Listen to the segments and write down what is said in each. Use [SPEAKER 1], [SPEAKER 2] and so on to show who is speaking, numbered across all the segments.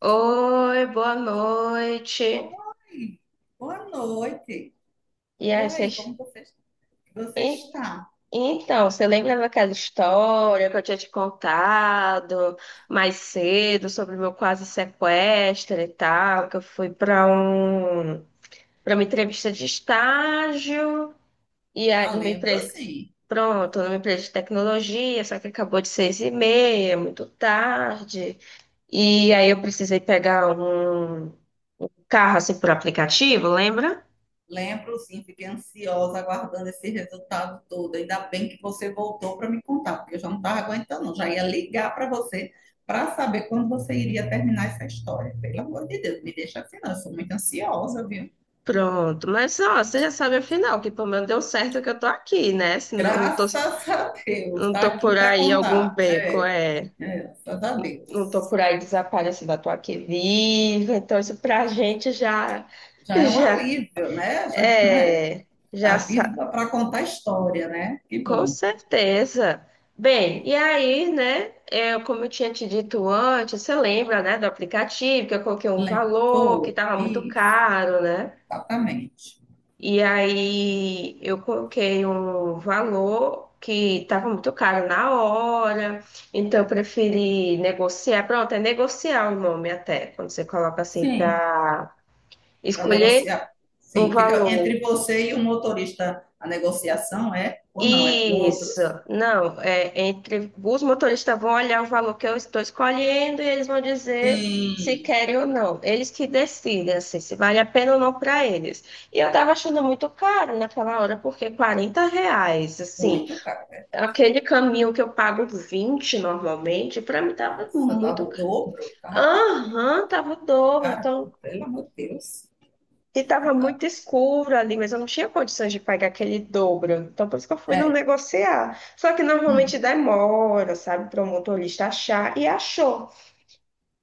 [SPEAKER 1] Oi, boa noite.
[SPEAKER 2] Oi, boa noite.
[SPEAKER 1] E
[SPEAKER 2] E
[SPEAKER 1] aí,
[SPEAKER 2] aí,
[SPEAKER 1] vocês...
[SPEAKER 2] como você
[SPEAKER 1] E-
[SPEAKER 2] está?
[SPEAKER 1] Então, você lembra daquela história que eu tinha te contado mais cedo sobre o meu quase sequestro e tal, que eu fui para uma entrevista de estágio e aí
[SPEAKER 2] Ah,
[SPEAKER 1] uma
[SPEAKER 2] lembro
[SPEAKER 1] empresa
[SPEAKER 2] sim.
[SPEAKER 1] pronto, numa empresa de tecnologia, só que acabou de seis e meia, muito tarde. E aí eu precisei pegar um carro assim por aplicativo, lembra?
[SPEAKER 2] Lembro sim, fiquei ansiosa aguardando esse resultado todo. Ainda bem que você voltou para me contar, porque eu já não estava aguentando, não. Já ia ligar para você para saber quando você iria terminar essa história. Pelo amor de Deus, me deixa assim, não. Eu sou muito ansiosa, viu?
[SPEAKER 1] Pronto, mas ó, você já sabe afinal que pelo menos deu certo que eu tô aqui, né? Senão não tô,
[SPEAKER 2] Graças a Deus,
[SPEAKER 1] não
[SPEAKER 2] está
[SPEAKER 1] tô por
[SPEAKER 2] aqui para
[SPEAKER 1] aí algum
[SPEAKER 2] contar.
[SPEAKER 1] beco,
[SPEAKER 2] É,
[SPEAKER 1] é.
[SPEAKER 2] é, graças a
[SPEAKER 1] Não, não tô
[SPEAKER 2] Deus.
[SPEAKER 1] por aí desaparecida, eu tô aqui viva. Então isso pra gente já,
[SPEAKER 2] Já é um
[SPEAKER 1] já,
[SPEAKER 2] alívio, né? Já, é.
[SPEAKER 1] é, já,
[SPEAKER 2] Tá vivo
[SPEAKER 1] sa-
[SPEAKER 2] para contar história, né? Que
[SPEAKER 1] com
[SPEAKER 2] bom.
[SPEAKER 1] certeza. Bem, e aí, né? Eu, como eu tinha te dito antes, você lembra, né, do aplicativo que eu coloquei um valor que
[SPEAKER 2] Foi,
[SPEAKER 1] tava muito
[SPEAKER 2] isso,
[SPEAKER 1] caro, né?
[SPEAKER 2] exatamente.
[SPEAKER 1] E aí eu coloquei um valor que estava muito caro na hora, então eu preferi negociar. Pronto, é negociar o nome até, quando você coloca assim
[SPEAKER 2] Sim.
[SPEAKER 1] para
[SPEAKER 2] Para
[SPEAKER 1] escolher
[SPEAKER 2] negociar.
[SPEAKER 1] um
[SPEAKER 2] Sim, fica entre
[SPEAKER 1] valor.
[SPEAKER 2] você e o motorista a negociação, é? Ou não, é com
[SPEAKER 1] Isso,
[SPEAKER 2] outros?
[SPEAKER 1] não, é entre os motoristas vão olhar o valor que eu estou escolhendo e eles vão dizer se
[SPEAKER 2] Sim,
[SPEAKER 1] querem ou não. Eles que decidem assim, se vale a pena ou não para eles. E eu estava achando muito caro naquela hora, porque 40 reais, assim,
[SPEAKER 2] muito caro, é verdade.
[SPEAKER 1] aquele caminho que eu pago 20 normalmente, para mim tava
[SPEAKER 2] Nossa, dava
[SPEAKER 1] muito
[SPEAKER 2] o
[SPEAKER 1] caro.
[SPEAKER 2] dobro, tava
[SPEAKER 1] Aham, tava o dobro.
[SPEAKER 2] caro,
[SPEAKER 1] Então,
[SPEAKER 2] pelo amor de Deus.
[SPEAKER 1] e
[SPEAKER 2] É
[SPEAKER 1] tava muito
[SPEAKER 2] verdade.
[SPEAKER 1] escuro ali, mas eu não tinha condições de pagar aquele dobro. Então, por isso que eu fui não
[SPEAKER 2] É,
[SPEAKER 1] negociar. Só que normalmente
[SPEAKER 2] hum,
[SPEAKER 1] demora, sabe, para o motorista achar. E achou,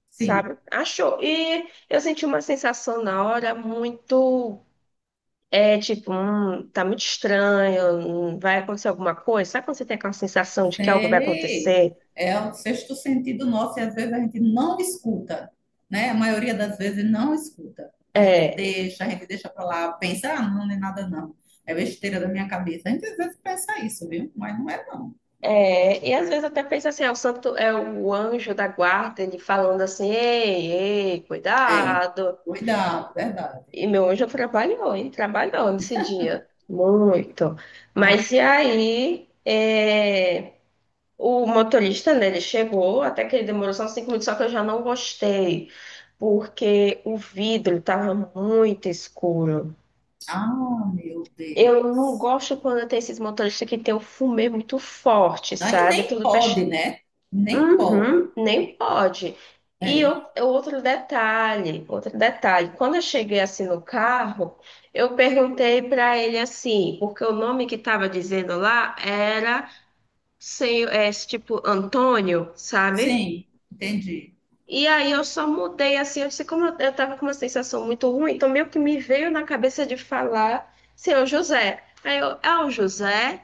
[SPEAKER 2] sim.
[SPEAKER 1] sabe? Achou. E eu senti uma sensação na hora muito. É tipo, tá muito estranho, vai acontecer alguma coisa. Sabe quando você tem aquela sensação de que algo vai
[SPEAKER 2] Sei.
[SPEAKER 1] acontecer?
[SPEAKER 2] É o sexto sentido nosso e às vezes a gente não escuta, né? A maioria das vezes não escuta. A gente
[SPEAKER 1] É.
[SPEAKER 2] deixa, a gente deixa para lá, pensa, ah, não, não é nada não. É besteira da minha cabeça. A gente às vezes pensa isso, viu? Mas não é não.
[SPEAKER 1] É, e às vezes até pensa assim, é o santo, é o anjo da guarda, ele falando assim, ei, ei,
[SPEAKER 2] É.
[SPEAKER 1] cuidado.
[SPEAKER 2] Cuidado, verdade.
[SPEAKER 1] E meu anjo trabalhou, e trabalhou nesse dia, muito.
[SPEAKER 2] Oh,
[SPEAKER 1] Mas e aí, é, o motorista, né, ele chegou, até que ele demorou só uns 5 minutos, só que eu já não gostei, porque o vidro estava muito escuro.
[SPEAKER 2] ah, meu
[SPEAKER 1] Eu não
[SPEAKER 2] Deus.
[SPEAKER 1] gosto quando tem esses motoristas que tem o fumê muito forte,
[SPEAKER 2] Daí
[SPEAKER 1] sabe?
[SPEAKER 2] nem
[SPEAKER 1] Tudo faz.
[SPEAKER 2] pode, né? Nem pode.
[SPEAKER 1] Uhum, nem pode. E
[SPEAKER 2] É.
[SPEAKER 1] o outro detalhe, outro detalhe. Quando eu cheguei assim no carro, eu perguntei para ele assim, porque o nome que estava dizendo lá era, sei, é, tipo Antônio, sabe?
[SPEAKER 2] Sim, entendi.
[SPEAKER 1] E aí eu só mudei assim, eu sei como eu tava com uma sensação muito ruim, então meio que me veio na cabeça de falar, seu José. Aí eu, é o José?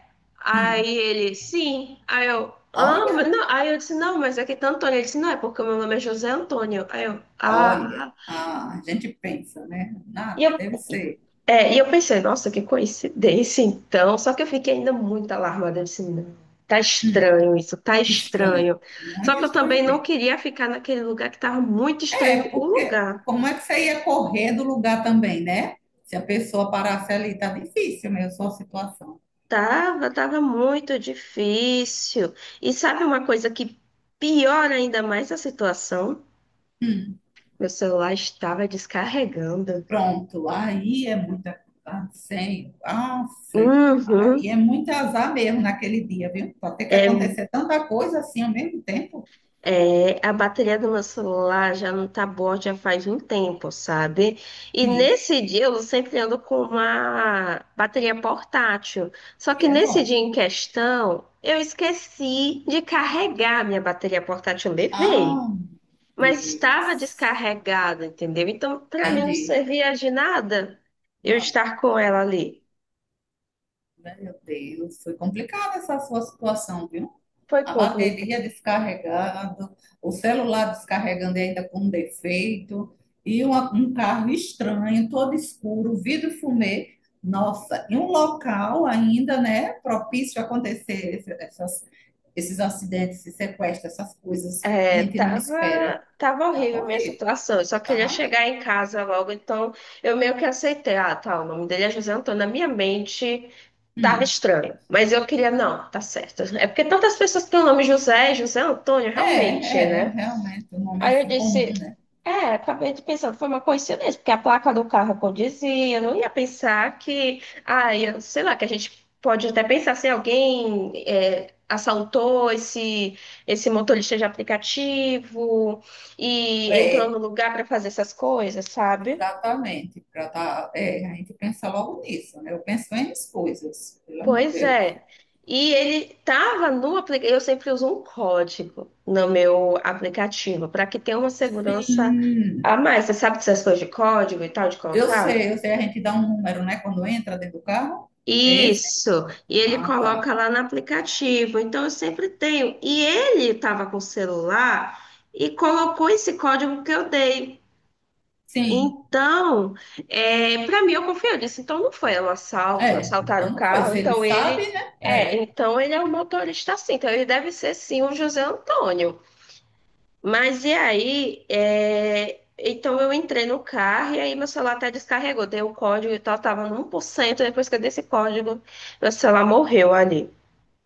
[SPEAKER 2] Hum.
[SPEAKER 1] Aí ele, sim. Aí eu, ah, mas
[SPEAKER 2] Olha,
[SPEAKER 1] não. Aí eu disse, não, mas é que tá Antônio. Ele disse, não, é porque o meu nome é José Antônio. Aí eu,
[SPEAKER 2] olha.
[SPEAKER 1] ah.
[SPEAKER 2] Ah, a gente pensa, né?
[SPEAKER 1] E
[SPEAKER 2] Nada,
[SPEAKER 1] eu,
[SPEAKER 2] deve ser.
[SPEAKER 1] e eu pensei, nossa, que coincidência, então. Só que eu fiquei ainda muito alarmada. Eu disse, não, tá
[SPEAKER 2] Hum,
[SPEAKER 1] estranho isso, tá
[SPEAKER 2] estranho.
[SPEAKER 1] estranho. Só
[SPEAKER 2] Muito
[SPEAKER 1] que eu
[SPEAKER 2] estranho
[SPEAKER 1] também não
[SPEAKER 2] mesmo.
[SPEAKER 1] queria ficar naquele lugar que tava muito
[SPEAKER 2] É,
[SPEAKER 1] estranho o
[SPEAKER 2] porque
[SPEAKER 1] lugar.
[SPEAKER 2] como é que você ia correr do lugar também, né? Se a pessoa parasse ali, tá difícil mesmo sua situação.
[SPEAKER 1] Tava, tava muito difícil. E sabe uma coisa que piora ainda mais a situação?
[SPEAKER 2] Hum,
[SPEAKER 1] Meu celular estava descarregando.
[SPEAKER 2] pronto, aí é muita. Ah, sei, nossa,
[SPEAKER 1] Uhum.
[SPEAKER 2] aí é muito azar mesmo naquele dia, viu? Pode ter que
[SPEAKER 1] É.
[SPEAKER 2] acontecer tanta coisa assim ao mesmo tempo.
[SPEAKER 1] É, a bateria do meu celular já não tá boa já faz um tempo, sabe? E
[SPEAKER 2] Sim,
[SPEAKER 1] nesse dia eu sempre ando com uma bateria portátil. Só
[SPEAKER 2] que
[SPEAKER 1] que
[SPEAKER 2] é
[SPEAKER 1] nesse
[SPEAKER 2] bom.
[SPEAKER 1] dia em questão, eu esqueci de carregar a minha bateria portátil. Eu levei,
[SPEAKER 2] Ah, meu
[SPEAKER 1] mas estava
[SPEAKER 2] Deus.
[SPEAKER 1] descarregada, entendeu? Então, para mim não
[SPEAKER 2] Entendi.
[SPEAKER 1] servia de nada eu
[SPEAKER 2] Não,
[SPEAKER 1] estar com ela ali.
[SPEAKER 2] meu Deus, foi complicada essa sua situação, viu?
[SPEAKER 1] Foi
[SPEAKER 2] A
[SPEAKER 1] complicado.
[SPEAKER 2] bateria descarregando, o celular descarregando e ainda com defeito, e um carro estranho, todo escuro, vidro fumê. Nossa, em um local ainda, né, propício a acontecer esses acidentes, esses sequestros, essas coisas que a
[SPEAKER 1] É,
[SPEAKER 2] gente não espera.
[SPEAKER 1] tava, tava
[SPEAKER 2] Tá
[SPEAKER 1] horrível a minha
[SPEAKER 2] horrível,
[SPEAKER 1] situação. Eu só queria
[SPEAKER 2] tá mesmo.
[SPEAKER 1] chegar em casa logo, então eu meio que aceitei. Ah, tá, o nome dele é José Antônio. Na minha mente tava
[SPEAKER 2] Hum.
[SPEAKER 1] estranho, mas eu queria, não, tá certo. É porque tantas pessoas têm o nome José, José Antônio,
[SPEAKER 2] É,
[SPEAKER 1] realmente,
[SPEAKER 2] é,
[SPEAKER 1] né?
[SPEAKER 2] realmente, um nome
[SPEAKER 1] Aí eu
[SPEAKER 2] assim comum,
[SPEAKER 1] disse,
[SPEAKER 2] né?
[SPEAKER 1] é, acabei de pensando, foi uma coincidência, porque a placa do carro condizia, eu não ia pensar que, ah, eu, sei lá, que a gente pode até pensar se alguém é, assaltou esse motorista de aplicativo e entrou no
[SPEAKER 2] É,
[SPEAKER 1] lugar para fazer essas coisas, sabe?
[SPEAKER 2] exatamente, pra tá, é, a gente pensa logo nisso, né? Eu penso em as coisas, pelo amor de
[SPEAKER 1] Pois
[SPEAKER 2] Deus.
[SPEAKER 1] é. E ele tava no aplicativo, eu sempre uso um código no meu aplicativo, para que tenha uma segurança
[SPEAKER 2] Sim,
[SPEAKER 1] a mais. Você sabe dessas coisas de código e tal, de
[SPEAKER 2] eu
[SPEAKER 1] colocar?
[SPEAKER 2] sei, eu sei, a gente dá um número, né, quando entra dentro do carro. É esse?
[SPEAKER 1] Isso, e ele
[SPEAKER 2] Ah, tá.
[SPEAKER 1] coloca lá no aplicativo. Então eu sempre tenho. E ele estava com o celular e colocou esse código que eu dei.
[SPEAKER 2] Sim,
[SPEAKER 1] Então, é, para mim eu confio. Eu disse, então não foi um assalto, não
[SPEAKER 2] é.
[SPEAKER 1] assaltaram
[SPEAKER 2] Então
[SPEAKER 1] o
[SPEAKER 2] não foi.
[SPEAKER 1] carro.
[SPEAKER 2] Se ele
[SPEAKER 1] Então
[SPEAKER 2] sabe,
[SPEAKER 1] ele
[SPEAKER 2] né?
[SPEAKER 1] é, então ele é um motorista sim. Então ele deve ser sim o José Antônio. Mas e aí, é, então eu entrei no carro e aí meu celular até descarregou. Dei o código e tal, tava no 1 por cento. Depois que eu dei esse código, meu celular morreu ali.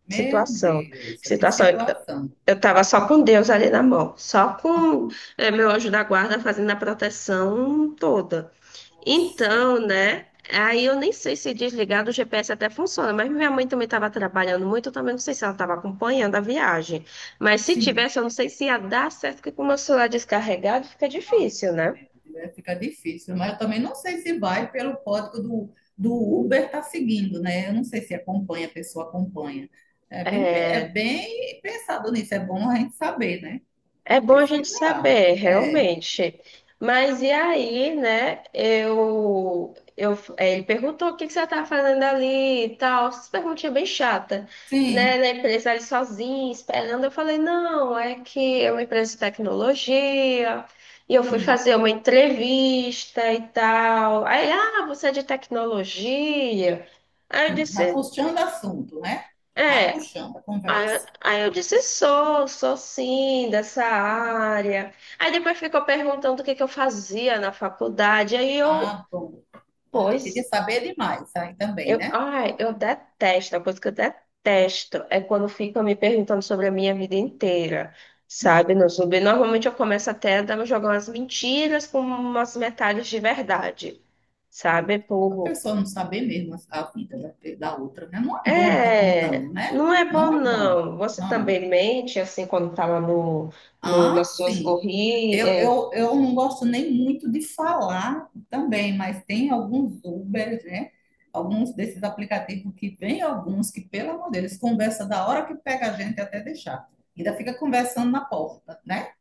[SPEAKER 2] Meu
[SPEAKER 1] Situação,
[SPEAKER 2] Deus, que
[SPEAKER 1] situação.
[SPEAKER 2] situação.
[SPEAKER 1] Eu tava só com Deus ali na mão, só com é, meu anjo da guarda fazendo a proteção toda.
[SPEAKER 2] Nossa.
[SPEAKER 1] Então, né? Aí eu nem sei se desligar do GPS até funciona, mas minha mãe também estava trabalhando muito, eu também não sei se ela estava acompanhando a viagem. Mas se
[SPEAKER 2] Sim.
[SPEAKER 1] tivesse, eu não sei se ia dar certo, porque com o meu celular descarregado fica
[SPEAKER 2] Ah,
[SPEAKER 1] difícil,
[SPEAKER 2] meu
[SPEAKER 1] né?
[SPEAKER 2] Deus, fica difícil, mas eu também não sei se vai pelo código do, do Uber tá seguindo, né? Eu não sei se acompanha, a pessoa acompanha. É é
[SPEAKER 1] É.
[SPEAKER 2] bem pensado nisso, é bom a gente saber, né?
[SPEAKER 1] É bom a gente
[SPEAKER 2] Pesquisar.
[SPEAKER 1] saber,
[SPEAKER 2] É,
[SPEAKER 1] realmente. Mas e aí, né? Ele perguntou o que que você tá fazendo ali e tal. Essas perguntinhas bem chata, né?
[SPEAKER 2] sim,
[SPEAKER 1] Na empresa ali sozinha, esperando. Eu falei, não, é que é uma empresa de tecnologia. E eu fui
[SPEAKER 2] hum,
[SPEAKER 1] fazer uma entrevista e tal. Aí, ah, você é de tecnologia? Aí eu
[SPEAKER 2] sim, tá
[SPEAKER 1] disse,
[SPEAKER 2] puxando assunto, né? Tá
[SPEAKER 1] é.
[SPEAKER 2] puxando a
[SPEAKER 1] Aí, eu
[SPEAKER 2] conversa.
[SPEAKER 1] aí eu disse, sou, sou sim, dessa área. Aí depois ficou perguntando o que que eu fazia na faculdade. Aí eu,
[SPEAKER 2] Ah, bom. Ah, queria
[SPEAKER 1] pois,
[SPEAKER 2] saber demais aí também,
[SPEAKER 1] eu,
[SPEAKER 2] né?
[SPEAKER 1] ai, eu detesto, a coisa que eu detesto é quando ficam me perguntando sobre a minha vida inteira, sabe, no Zumbi. Normalmente eu começo jogar umas mentiras com umas metades de verdade, sabe.
[SPEAKER 2] A pessoa não saber mesmo a a vida da outra, né? Não é bom estar
[SPEAKER 1] É,
[SPEAKER 2] contando, né?
[SPEAKER 1] não é bom
[SPEAKER 2] Não é bom.
[SPEAKER 1] não. Você
[SPEAKER 2] Não.
[SPEAKER 1] também mente assim quando estava
[SPEAKER 2] Ah,
[SPEAKER 1] nas suas
[SPEAKER 2] sim.
[SPEAKER 1] corridas.
[SPEAKER 2] Eu,
[SPEAKER 1] É,
[SPEAKER 2] eu, eu não gosto nem muito de falar também, mas tem alguns Uber, né? Alguns desses aplicativos que vem alguns que, pelo amor de Deus, conversa da hora que pega a gente até deixar. Ainda fica conversando na porta, né?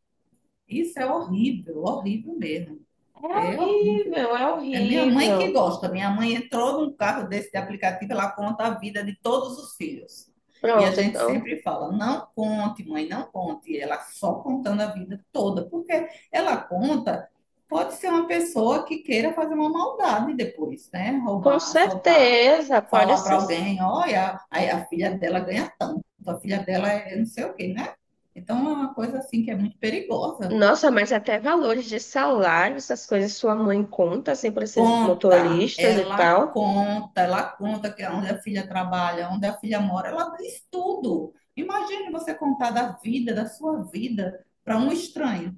[SPEAKER 2] Isso é horrível, horrível mesmo.
[SPEAKER 1] é
[SPEAKER 2] É horrível.
[SPEAKER 1] horrível, é
[SPEAKER 2] É minha mãe que
[SPEAKER 1] horrível.
[SPEAKER 2] gosta. Minha mãe entrou num carro desse de aplicativo, ela conta a vida de todos os filhos. E a
[SPEAKER 1] Pronto,
[SPEAKER 2] gente
[SPEAKER 1] então,
[SPEAKER 2] sempre fala, não conte, mãe, não conte. E ela só contando a vida toda, porque ela conta, pode ser uma pessoa que queira fazer uma maldade depois, né?
[SPEAKER 1] com
[SPEAKER 2] Roubar, assaltar,
[SPEAKER 1] certeza, pode
[SPEAKER 2] falar para
[SPEAKER 1] ser.
[SPEAKER 2] alguém, olha, a filha dela ganha tanto, a filha dela é não sei o quê, né? Então é uma coisa assim que é muito perigosa.
[SPEAKER 1] Nossa, mas até valores de salário, essas coisas sua mãe conta assim para esses
[SPEAKER 2] Conta,
[SPEAKER 1] motoristas e
[SPEAKER 2] ela
[SPEAKER 1] tal.
[SPEAKER 2] conta, ela conta que onde a filha trabalha, onde a filha mora, ela diz tudo. Imagine você contar da sua vida, para um estranho,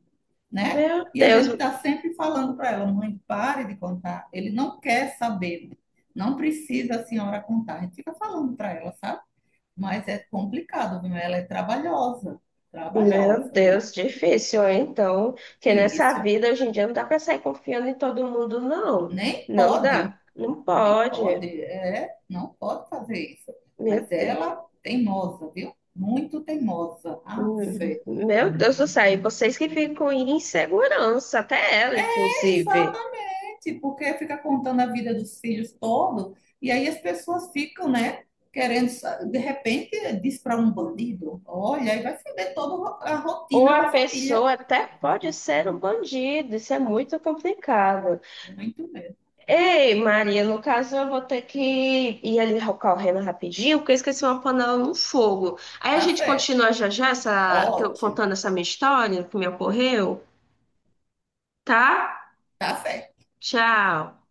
[SPEAKER 2] né?
[SPEAKER 1] Meu
[SPEAKER 2] E a
[SPEAKER 1] Deus,
[SPEAKER 2] gente está sempre falando para ela, mãe, pare de contar. Ele não quer saber, não precisa a senhora contar. A gente fica falando para ela, sabe? Mas é complicado, viu? Ela é trabalhosa,
[SPEAKER 1] meu
[SPEAKER 2] trabalhosa, viu?
[SPEAKER 1] Deus, difícil, hein? Então, que nessa
[SPEAKER 2] Difícil.
[SPEAKER 1] vida hoje em dia não dá para sair confiando em todo mundo, não.
[SPEAKER 2] Nem
[SPEAKER 1] Não dá.
[SPEAKER 2] pode.
[SPEAKER 1] Não
[SPEAKER 2] Nem
[SPEAKER 1] pode.
[SPEAKER 2] pode, é, não pode fazer isso.
[SPEAKER 1] Meu
[SPEAKER 2] Mas
[SPEAKER 1] Deus.
[SPEAKER 2] ela, teimosa, viu? Muito teimosa. Ah,
[SPEAKER 1] Hum.
[SPEAKER 2] fé.
[SPEAKER 1] Meu Deus do céu. E vocês que ficam em insegurança, até ela,
[SPEAKER 2] É,
[SPEAKER 1] inclusive.
[SPEAKER 2] exatamente, porque fica contando a vida dos filhos todo, e aí as pessoas ficam, né, querendo, de repente, diz para um bandido, olha, aí vai foder toda a
[SPEAKER 1] Ou
[SPEAKER 2] rotina da
[SPEAKER 1] a
[SPEAKER 2] família.
[SPEAKER 1] pessoa até pode ser um bandido. Isso é muito complicado.
[SPEAKER 2] Muito mesmo.
[SPEAKER 1] Ei, Maria, no caso eu vou ter que ir ali correndo rapidinho, porque eu esqueci uma panela no fogo. Aí a
[SPEAKER 2] Tá
[SPEAKER 1] gente
[SPEAKER 2] certo.
[SPEAKER 1] continua já já essa, contando
[SPEAKER 2] Ótimo.
[SPEAKER 1] essa minha história que me ocorreu, tá?
[SPEAKER 2] Tá certo.
[SPEAKER 1] Tchau.